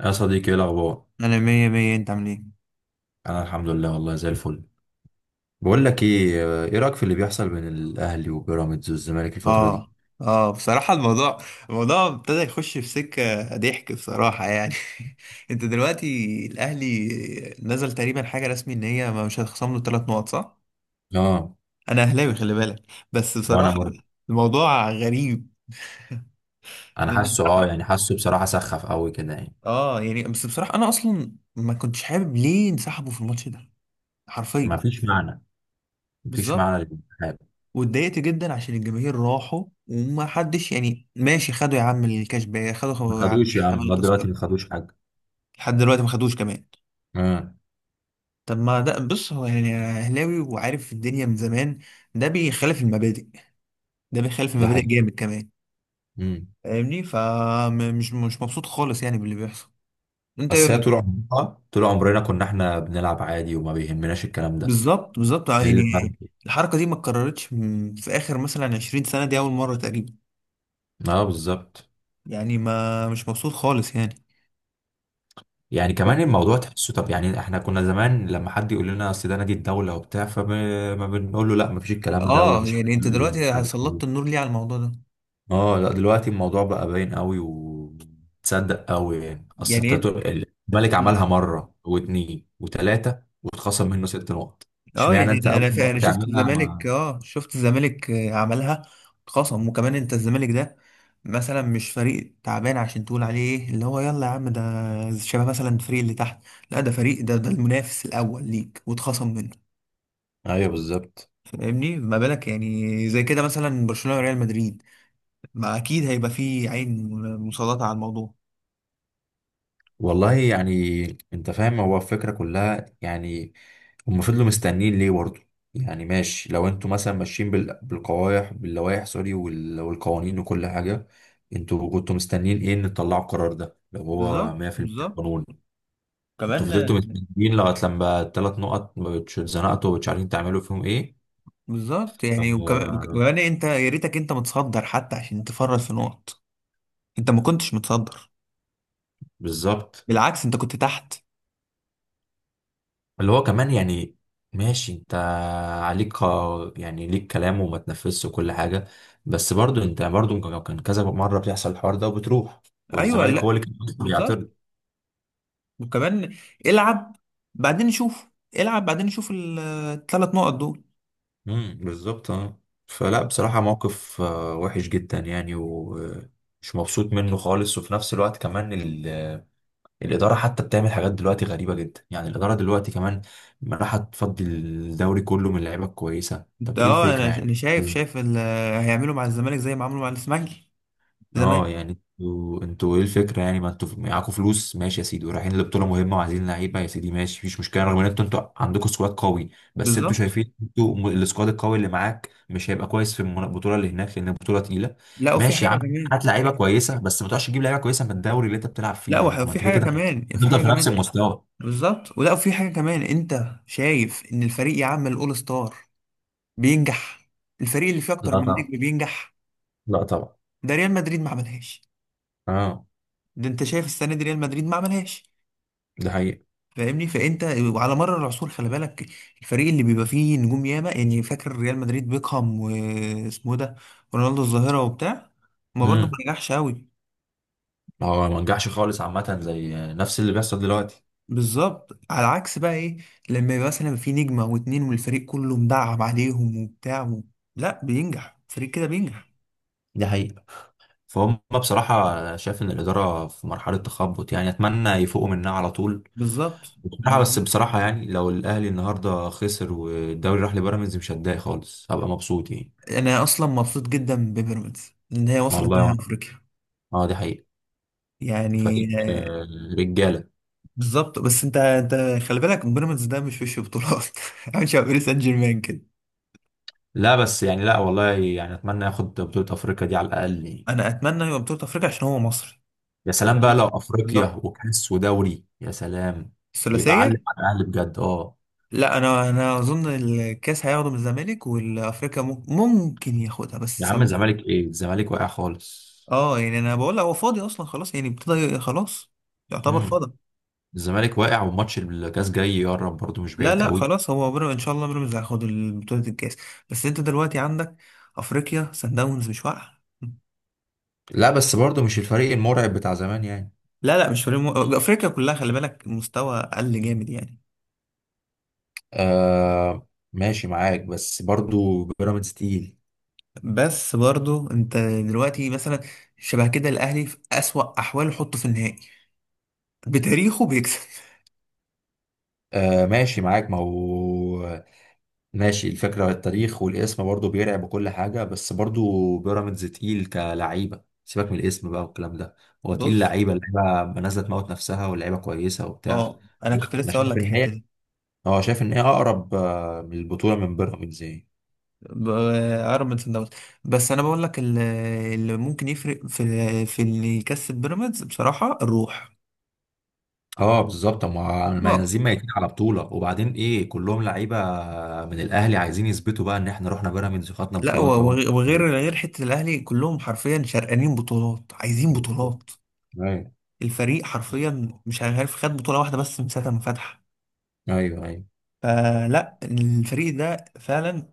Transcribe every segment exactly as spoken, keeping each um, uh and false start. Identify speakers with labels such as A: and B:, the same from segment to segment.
A: يا صديقي، ايه الاخبار؟
B: انا مية مية، انت عامل ايه؟
A: انا الحمد لله، والله زي الفل. بقول لك ايه ايه رايك في اللي بيحصل بين الاهلي وبيراميدز والزمالك الفتره دي؟
B: اه. اه، بصراحة الموضوع الموضوع ابتدى يخش في سكة ضحك، بصراحة يعني. انت دلوقتي الاهلي نزل تقريبا حاجة رسمي ان هي مش هتخصم له ثلاث نقط، صح؟
A: اه.
B: انا اهلاوي خلي بالك، بس
A: وانا
B: بصراحة
A: برضه.
B: الموضوع غريب.
A: انا حاسه اه يعني حاسه بصراحه سخف قوي كده يعني.
B: اه يعني، بس بصراحة انا اصلا ما كنتش حابب ليه انسحبوا في الماتش ده،
A: ما
B: حرفيا.
A: فيش معنى، ما فيش
B: بالظبط.
A: معنى للانتخاب.
B: واتضايقت جدا عشان الجماهير راحوا وما حدش يعني ماشي، خدوا يا عم الكاش باك، خدوا
A: ما
B: خدوا يا عم
A: خدوش يا عم،
B: تمن
A: لغايه دلوقتي
B: التذكرة،
A: ما خدوش حاجه.
B: لحد دلوقتي ما خدوش كمان.
A: اه.
B: طب ما ده، بص هو يعني اهلاوي وعارف الدنيا من زمان، ده بيخالف المبادئ، ده بيخالف
A: ده
B: المبادئ
A: حقيقي.
B: جامد كمان.
A: امم.
B: فاهمني؟ فمش مش مبسوط خالص يعني باللي بيحصل. انت ايه
A: بس هي
B: رأيك؟
A: طول عمرنا، آه، طول عمرنا كنا احنا بنلعب عادي وما بيهمناش الكلام ده.
B: بالظبط بالظبط
A: ايه اللي
B: يعني.
A: فرق؟
B: الحركة دي ما اتكررتش م- في اخر مثلا عشرين سنة، دي اول مرة تقريبا.
A: اه بالظبط.
B: يعني ما مش مبسوط خالص يعني.
A: يعني كمان الموضوع تحسه، طب يعني احنا كنا زمان لما حد يقول لنا اصل ده نادي الدوله وبتاع، فما ما بنقول له لا مفيش الكلام ده
B: اه
A: ومش حقيقي،
B: يعني، انت
A: ومش
B: دلوقتي
A: عارف
B: سلطت
A: ايه.
B: النور ليه على الموضوع ده؟
A: اه لا، دلوقتي الموضوع بقى باين قوي وتصدق قوي يعني، اصل
B: يعني
A: انت
B: انت
A: تقول- الملك عملها مره واتنين وتلاته واتخصم منه ست نقط.
B: اه
A: اشمعنى
B: يعني
A: انت اول
B: انا ف-
A: مره
B: انا شفت
A: تعملها
B: الزمالك،
A: ما...
B: اه شفت الزمالك آه، عملها خصم. وكمان انت الزمالك ده مثلا مش فريق تعبان عشان تقول عليه ايه اللي هو، يلا يا عم ده شبه مثلا الفريق اللي تحت. لا، ده فريق، ده ده المنافس الاول ليك واتخصم منه.
A: ايوه بالظبط.
B: فاهمني؟ ما بالك يعني زي كده مثلا برشلونة وريال مدريد؟ ما اكيد هيبقى فيه عين مسلطة على الموضوع.
A: والله يعني، انت فاهم هو الفكرة كلها يعني. هم فضلوا مستنيين ليه برضه؟ يعني ماشي، لو انتوا مثلا ماشيين بال- بالقوايح، باللوائح سوري، وال- والقوانين وكل حاجة، انتوا كنتوا مستنيين ايه ان تطلعوا القرار ده لو هو
B: بالظبط
A: مية في المية
B: بالظبط
A: قانون؟ انتوا
B: كمان.
A: فضلتوا مستنيين لغاية لما الثلاث نقط ما بتش- اتزنقتوا ومش عارفين تعملوا فيهم ايه.
B: بالظبط يعني، وكمان
A: آه،
B: وكمان انت يا ريتك انت متصدر حتى عشان تفرط في نقط. انت ما كنتش متصدر،
A: بالظبط.
B: بالعكس انت كنت تحت.
A: اللي هو كمان يعني، ماشي انت، عليك قا- يعني ليك كلام وما تنفذش وكل حاجة، بس برضو انت برضو كان كان كذا مرة بيحصل الحوار ده وبتروح،
B: ايوه
A: والزمالك هو
B: لا
A: اللي كان
B: بالظبط.
A: بيعترض.
B: وكمان العب بعدين نشوف، العب بعدين نشوف الثلاث نقط دول.
A: امم، بالظبط، اه. فلا بصراحة موقف آه، وحش جدا يعني، ومش مبسوط منه خالص، وفي نفس الوقت كمان ال- الإدارة حتى بتعمل حاجات دلوقتي غريبة جدا. يعني الإدارة دلوقتي كمان راح تفضي الدوري كله من لعيبة كويسة،
B: انت-
A: طب ايه
B: اه انا
A: الفكرة
B: انا
A: يعني؟
B: شايف شايف ال- هيعملوا مع الزمالك زي ما عملوا مع الاسماعيلي
A: اه.
B: زمان.
A: يعني انتوا انتوا ايه الفكره يعني، ما انتوا معاكوا فلوس ماشي يا سيدي، ورايحين لبطوله مهمه وعايزين لعيبه يا سيدي ماشي، مفيش مشكله، رغم ان انتوا انتوا عندكوا سكواد قوي. بس انتوا
B: بالظبط.
A: شايفين انتوا م- السكواد القوي اللي معاك مش هيبقى كويس في المنا- البطوله اللي هناك، لان البطوله تقيله.
B: لا وفي
A: ماشي يا
B: حاجه
A: عم،
B: كمان.
A: هات لعيبه كويسه، بس ما تقعدش تجيب لعيبه كويسه من الدوري اللي انت بتلعب فيه
B: لا وح-
A: برضه، ما
B: وفي
A: انت كده
B: حاجه
A: كده
B: كمان، في
A: هتفضل
B: حاجه
A: في نفس
B: كمان.
A: المستوى.
B: بالظبط. ولا وفي حاجه كمان، انت شايف ان الفريق يعمل اول ستار بينجح؟ الفريق اللي فيه
A: لا
B: اكتر من
A: طبعا،
B: نجم بينجح.
A: لا طبعا.
B: ده ريال مدريد ما عملهاش،
A: اه،
B: ده انت شايف السنه دي ريال مدريد ما عملهاش.
A: ده حقيقه.
B: فاهمني؟ فانت وعلى مر العصور خلي بالك، الفريق اللي بيبقى فيه نجوم ياما يعني، فاكر ريال مدريد بيكهام واسمه ده رونالدو الظاهره وبتاع، ما برضه ما
A: امم
B: نجحش قوي.
A: هو ما نجحش خالص عامه، زي نفس اللي بيحصل دلوقتي.
B: بالظبط. على عكس بقى ايه، لما يبقى مثلا في نجمه او اتنين والفريق كله مدعم عليهم وبتاع و... لا بينجح، فريق كده بينجح.
A: دي حقيقة. فهم بصراحة، أنا شايف إن الإدارة في مرحلة تخبط يعني، أتمنى يفوقوا منها على طول.
B: بالظبط
A: بصراحة بس
B: بالظبط.
A: بصراحة، يعني لو الأهلي النهاردة خسر والدوري راح لبيراميدز مش هتضايق خالص، هبقى مبسوط يعني.
B: انا اصلا مبسوط جدا ببيراميدز ان هي وصلت
A: والله
B: نهائي
A: وأنا.
B: افريقيا.
A: اه، دي حقيقة.
B: يعني
A: فريق
B: آه،
A: آه، رجالة.
B: بالظبط، بس انت انت خلي بالك بيراميدز ده مش وش بطولات. عامل شبه باريس سان جيرمان كده.
A: لا بس يعني، لا والله يعني أتمنى ياخد بطولة أفريقيا دي على الأقل يعني.
B: انا اتمنى يبقى بطوله افريقيا عشان هو مصري.
A: يا
B: عشان
A: سلام بقى لو أفريقيا
B: بالظبط
A: وكأس ودوري، يا سلام، يبقى علم
B: الثلاثيه.
A: على الأهلي بجد، اه.
B: لا انا انا اظن الكاس هياخده من الزمالك، والافريقيا مم- ممكن ياخدها
A: يا
B: بس
A: عم
B: صندوق.
A: الزمالك، إيه الزمالك، واقع خالص.
B: اه يعني انا بقول لك هو فاضي اصلا خلاص يعني، ابتدى خلاص يعتبر
A: مم.
B: فاضي.
A: الزمالك واقع، وماتش الكاس جاي يقرب برضه، مش
B: لا
A: بعيد
B: لا
A: قوي.
B: خلاص، هو بيراميدز ان شاء الله بيراميدز هياخد بطولة الكاس. بس انت دلوقتي عندك افريقيا، سان داونز مش واقعة.
A: لا بس برضه مش الفريق المرعب بتاع زمان يعني.
B: لا لا مش فريق مو... افريقيا كلها خلي بالك مستوى اقل جامد يعني.
A: آه ماشي معاك، بس برضه بيراميدز تقيل.
B: بس برضو انت دلوقتي مثلا شبه كده الاهلي في اسوأ احواله حطه في النهائي بتاريخه بيكسب.
A: آه ماشي معاك، ما هو ماشي، الفكرة التاريخ والاسم برضه بيرعب وكل حاجة، بس برضه بيراميدز تقيل كلعيبة. سيبك من الاسم بقى والكلام ده، هو تقيل
B: بص،
A: لعيبة، لعيبة نازلة تموت نفسها ولعيبة كويسة وبتاع.
B: اه انا
A: لا،
B: كنت
A: انا
B: لسه اقول
A: شايف
B: لك
A: ان
B: الحته
A: هي
B: دي.
A: اه شايف ان هي اقرب آه، من البطولة من بيراميدز يعني.
B: ب- اقرب من صن داونز. بس انا بقول لك ال- اللي ممكن يفرق في في اللي يكسب بيراميدز بصراحه الروح.
A: اه بالظبط، ما ما
B: اه
A: نازلين ميتين على بطوله، وبعدين ايه كلهم لعيبه من الاهلي عايزين يثبتوا بقى ان احنا رحنا بيراميدز خدنا
B: لا
A: بطولات
B: و-
A: اهو.
B: وغ- وغير
A: بالظبط.
B: غير حتة الأهلي كلهم حرفيا شرقانين بطولات، عايزين بطولات.
A: ايوه،
B: الفريق حرفيا مش عارف خد بطولة واحدة بس من ساعة ما فتح.
A: ايوه، ايوه،
B: فلا الفريق ده فعلا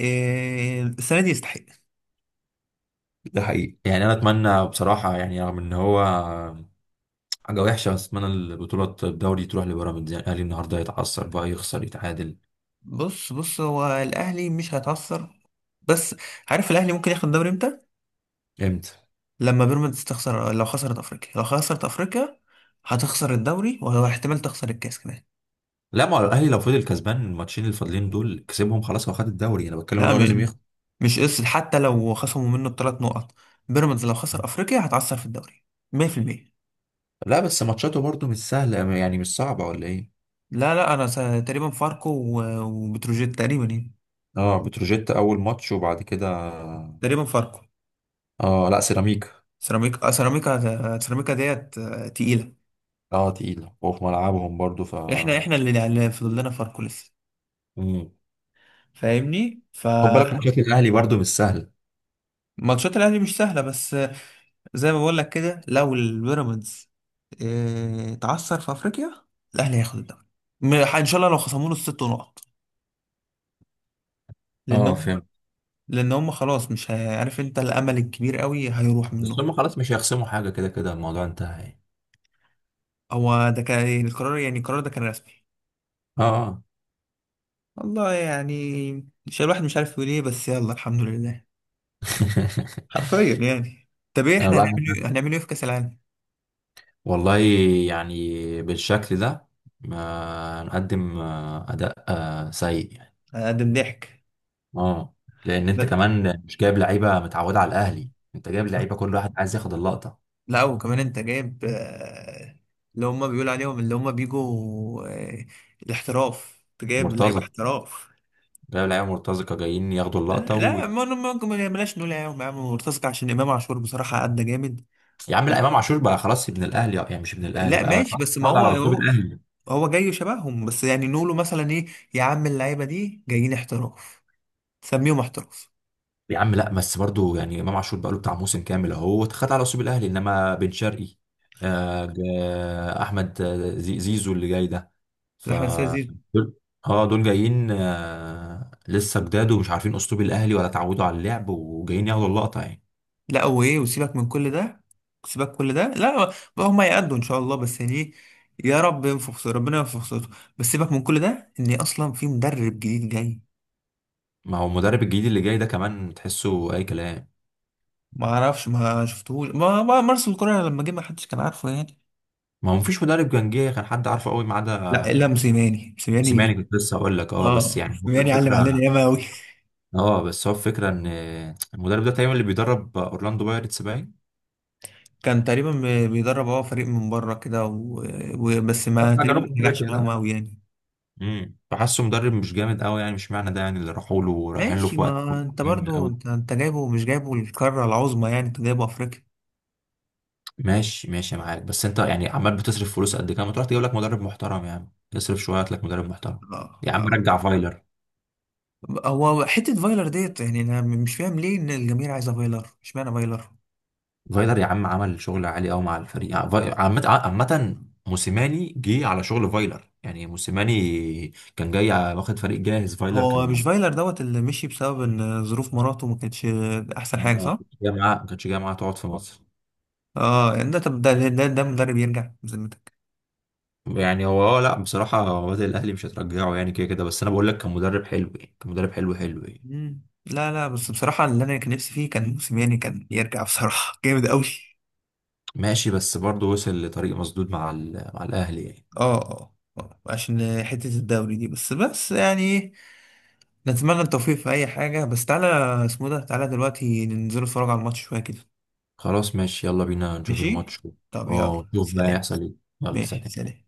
B: آه، السنة دي يستحق.
A: ده حقيقي يعني. انا اتمنى بصراحه يعني، رغم ان هو حاجه وحشه، بس اتمنى البطوله الدوري تروح لبيراميدز يعني، الاهلي النهارده يتعثر بقى، يخسر، يتعادل.
B: بص بص هو الأهلي مش هيتعثر. بس عارف الأهلي ممكن ياخد الدوري امتى؟
A: امتى؟
B: لما بيراميدز تخسر، لو خسرت أفريقيا، لو خسرت أفريقيا هتخسر الدوري، وهو احتمال تخسر الكاس كمان.
A: لا ما هو الاهلي لو فضل كسبان الماتشين الفاضلين دول كسبهم خلاص، هو خد الدوري، انا بتكلم ان
B: لا
A: هو لازم
B: م...
A: يخسر.
B: مش قصة حتى لو خصموا منه الثلاث نقط، بيراميدز لو خسر افريقيا هتعثر في الدوري مية في المية.
A: لا بس ماتشاته برضه مش سهله يعني، مش صعبه ولا ايه.
B: لا لا انا س... تقريبا فاركو و... وبتروجيت تقريبا يعني.
A: اه، بتروجيت اول ماتش، وبعد كده
B: تقريبا فاركو.
A: اه لا سيراميكا.
B: سيراميكا. آه، سيراميكا سيراميكا ديت آه، تقيلة.
A: اه تقيلة، وفي ملعبهم برضو ف
B: احنا احنا اللي اللي فضل لنا فاركو لسه.
A: مم.
B: فاهمني؟
A: خد بالك
B: فماتشات
A: ماتشات الاهلي برضو مش سهل.
B: الاهلي مش سهلة، بس آه، زي ما بقول لك كده لو البيراميدز آه، اتعثر في افريقيا الاهلي هياخد الدوري. م- ان شاء الله لو خصموا له الست نقط،
A: اه
B: لان
A: فهمت،
B: لان هم خلاص مش هي- عارف انت الامل الكبير قوي هيروح
A: بس
B: منهم.
A: هم خلاص مش هيخصموا حاجة، كده كده الموضوع انتهى يعني.
B: هو ده كان إيه، القرار، يعني القرار ده كان رسمي.
A: اه. آه.
B: والله يعني مش الواحد مش عارف يقول ايه، بس يلا الحمد لله، حرفيا يعني. طب ايه
A: أنا
B: احنا
A: لا،
B: هنعمل ايه هنعمل ايه في كاس العالم؟
A: والله يعني، بالشكل ده ما نقدم آه، اداء آه، سيء يعني.
B: هنقدم ضحك.
A: اه. لان انت
B: ب-
A: كمان مش جايب لعيبه متعوده على الاهلي، انت جايب لعيبه كل واحد عايز ياخد اللقطه.
B: لا وكمان انت جايب آه، اللي هم بيقولوا عليهم اللي هم بيجوا آه، الاحتراف، انت جايب لعيبه
A: مرتزق.
B: احتراف.
A: جايب لعيبه مرتزقه جايين ياخدوا
B: لا
A: اللقطه و...
B: لا، ما ممكن ما نعملهاش، نقول يا عم يا عم مرتزق؟ عشان امام عاشور بصراحه ادى جامد.
A: يا عم لا، امام عاشور بقى خلاص ابن الاهلي يعني، مش ابن الاهلي
B: لا
A: بقى،
B: ماشي، بس ما
A: اتعود
B: هو
A: على اسلوب
B: هو
A: الاهلي.
B: هو جاي شبههم، بس يعني نقوله مثلا ايه؟ يا عم اللعيبه دي جايين احتراف، سميهم احتراف.
A: يا عم لا بس برضو يعني، امام عاشور بقى له بتاع موسم كامل، اهو اتخذ على اسلوب الاهلي، انما بن شرقي، آه جا- احمد، آه، زي- زيزو اللي جاي ده، ف
B: احمد السيد زيزو.
A: دول. اه دول جايين، آه لسه جداد ومش عارفين اسلوب الاهلي ولا اتعودوا على اللعب، وجايين ياخدوا اللقطه يعني.
B: لا هو ايه، وسيبك من كل ده، سيبك كل ده. لا بقى، هم يأدوا ان شاء الله، بس يعني إيه، يا رب ينفخ صوت، ربنا ينفخ صوته. بس سيبك من كل ده، ان اصلا في مدرب جديد جاي.
A: ما هو المدرب الجديد اللي جاي ده كمان تحسه اي كلام،
B: ما اعرفش ما شفتهوش، ما ما مارسيل كولر لما جه ما حدش كان عارفه يعني.
A: ما هو مفيش مدرب كان جه كان حد عارفه قوي ما عدا
B: لا الا موسيماني
A: سيماني،
B: موسيماني.
A: كنت لسه هقول لك، اه بس
B: اه
A: يعني هو
B: موسيماني علم
A: الفكره،
B: علينا ياما قوي.
A: اه بس هو الفكره ان المدرب ده تقريبا اللي بيدرب اورلاندو بايرتس باين،
B: كان تقريبا ب- بيدرب هو فريق من بره كده، و- وبس ما
A: بتاع
B: تقريبا
A: جنوب
B: ما نجحش
A: افريقيا
B: معاهم
A: ده.
B: قوي يعني.
A: امم فحاسه مدرب مش جامد قوي يعني، مش معنى ده يعني اللي راحوا له رايحين له
B: ماشي
A: في وقت
B: ما انت
A: مهم
B: برضو
A: قوي.
B: انت انت جايبه، مش جايبه القاره العظمى يعني، انت جايبه افريقيا.
A: ماشي ماشي معاك، بس انت يعني عمال بتصرف فلوس قد كده، ما تروح تجيب لك مدرب محترم يا عم، اصرف شويه هات لك مدرب محترم.
B: اه،
A: يا عم
B: اه.
A: رجع فايلر.
B: هو حته فايلر ديت يعني، انا مش فاهم ليه ان الجماهير عايزه فايلر، اشمعنى فايلر؟
A: فايلر يا عم عمل شغل عالي قوي مع الفريق يعني، فاي- عامة آه، عامة. موسيماني جه على شغل فايلر يعني، موسيماني كان جاي واخد فريق جاهز، فايلر
B: هو مش
A: كان
B: فايلر دوت اللي مشي بسبب ان ظروف مراته ما كانتش احسن حاجه،
A: ما
B: صح؟
A: كانش جاي معاه ما كانش جاي معاه تقعد في مصر.
B: اه يعني، ده طب ده ده, ده مدرب يرجع بذمتك؟
A: يعني هو اه لا بصراحة، وادي الأهلي مش هترجعه يعني كده كده، بس أنا بقول لك كان مدرب حلو يعني، كان مدرب حلو حلو يعني.
B: مم. لا لا، بس بصراحه اللي انا كان نفسي فيه كان موسيماني كان يرجع، بصراحه جامد قوي.
A: ماشي بس برضه وصل لطريق مسدود مع ال... مع الأهلي يعني.
B: اه اه آه، عشان حتة الدوري دي، بس بس يعني إيه، نتمنى التوفيق في أي حاجة. بس تعالى، اسمه ده، تعالى دلوقتي ننزل نتفرج على الماتش شوية كده.
A: خلاص ماشي، يلا بينا نشوف
B: ماشي؟
A: الماتش.
B: طب
A: اه،
B: يلا
A: نشوف بقى
B: سلام.
A: هيحصل ايه. يلا
B: ماشي
A: سلام.
B: سلام.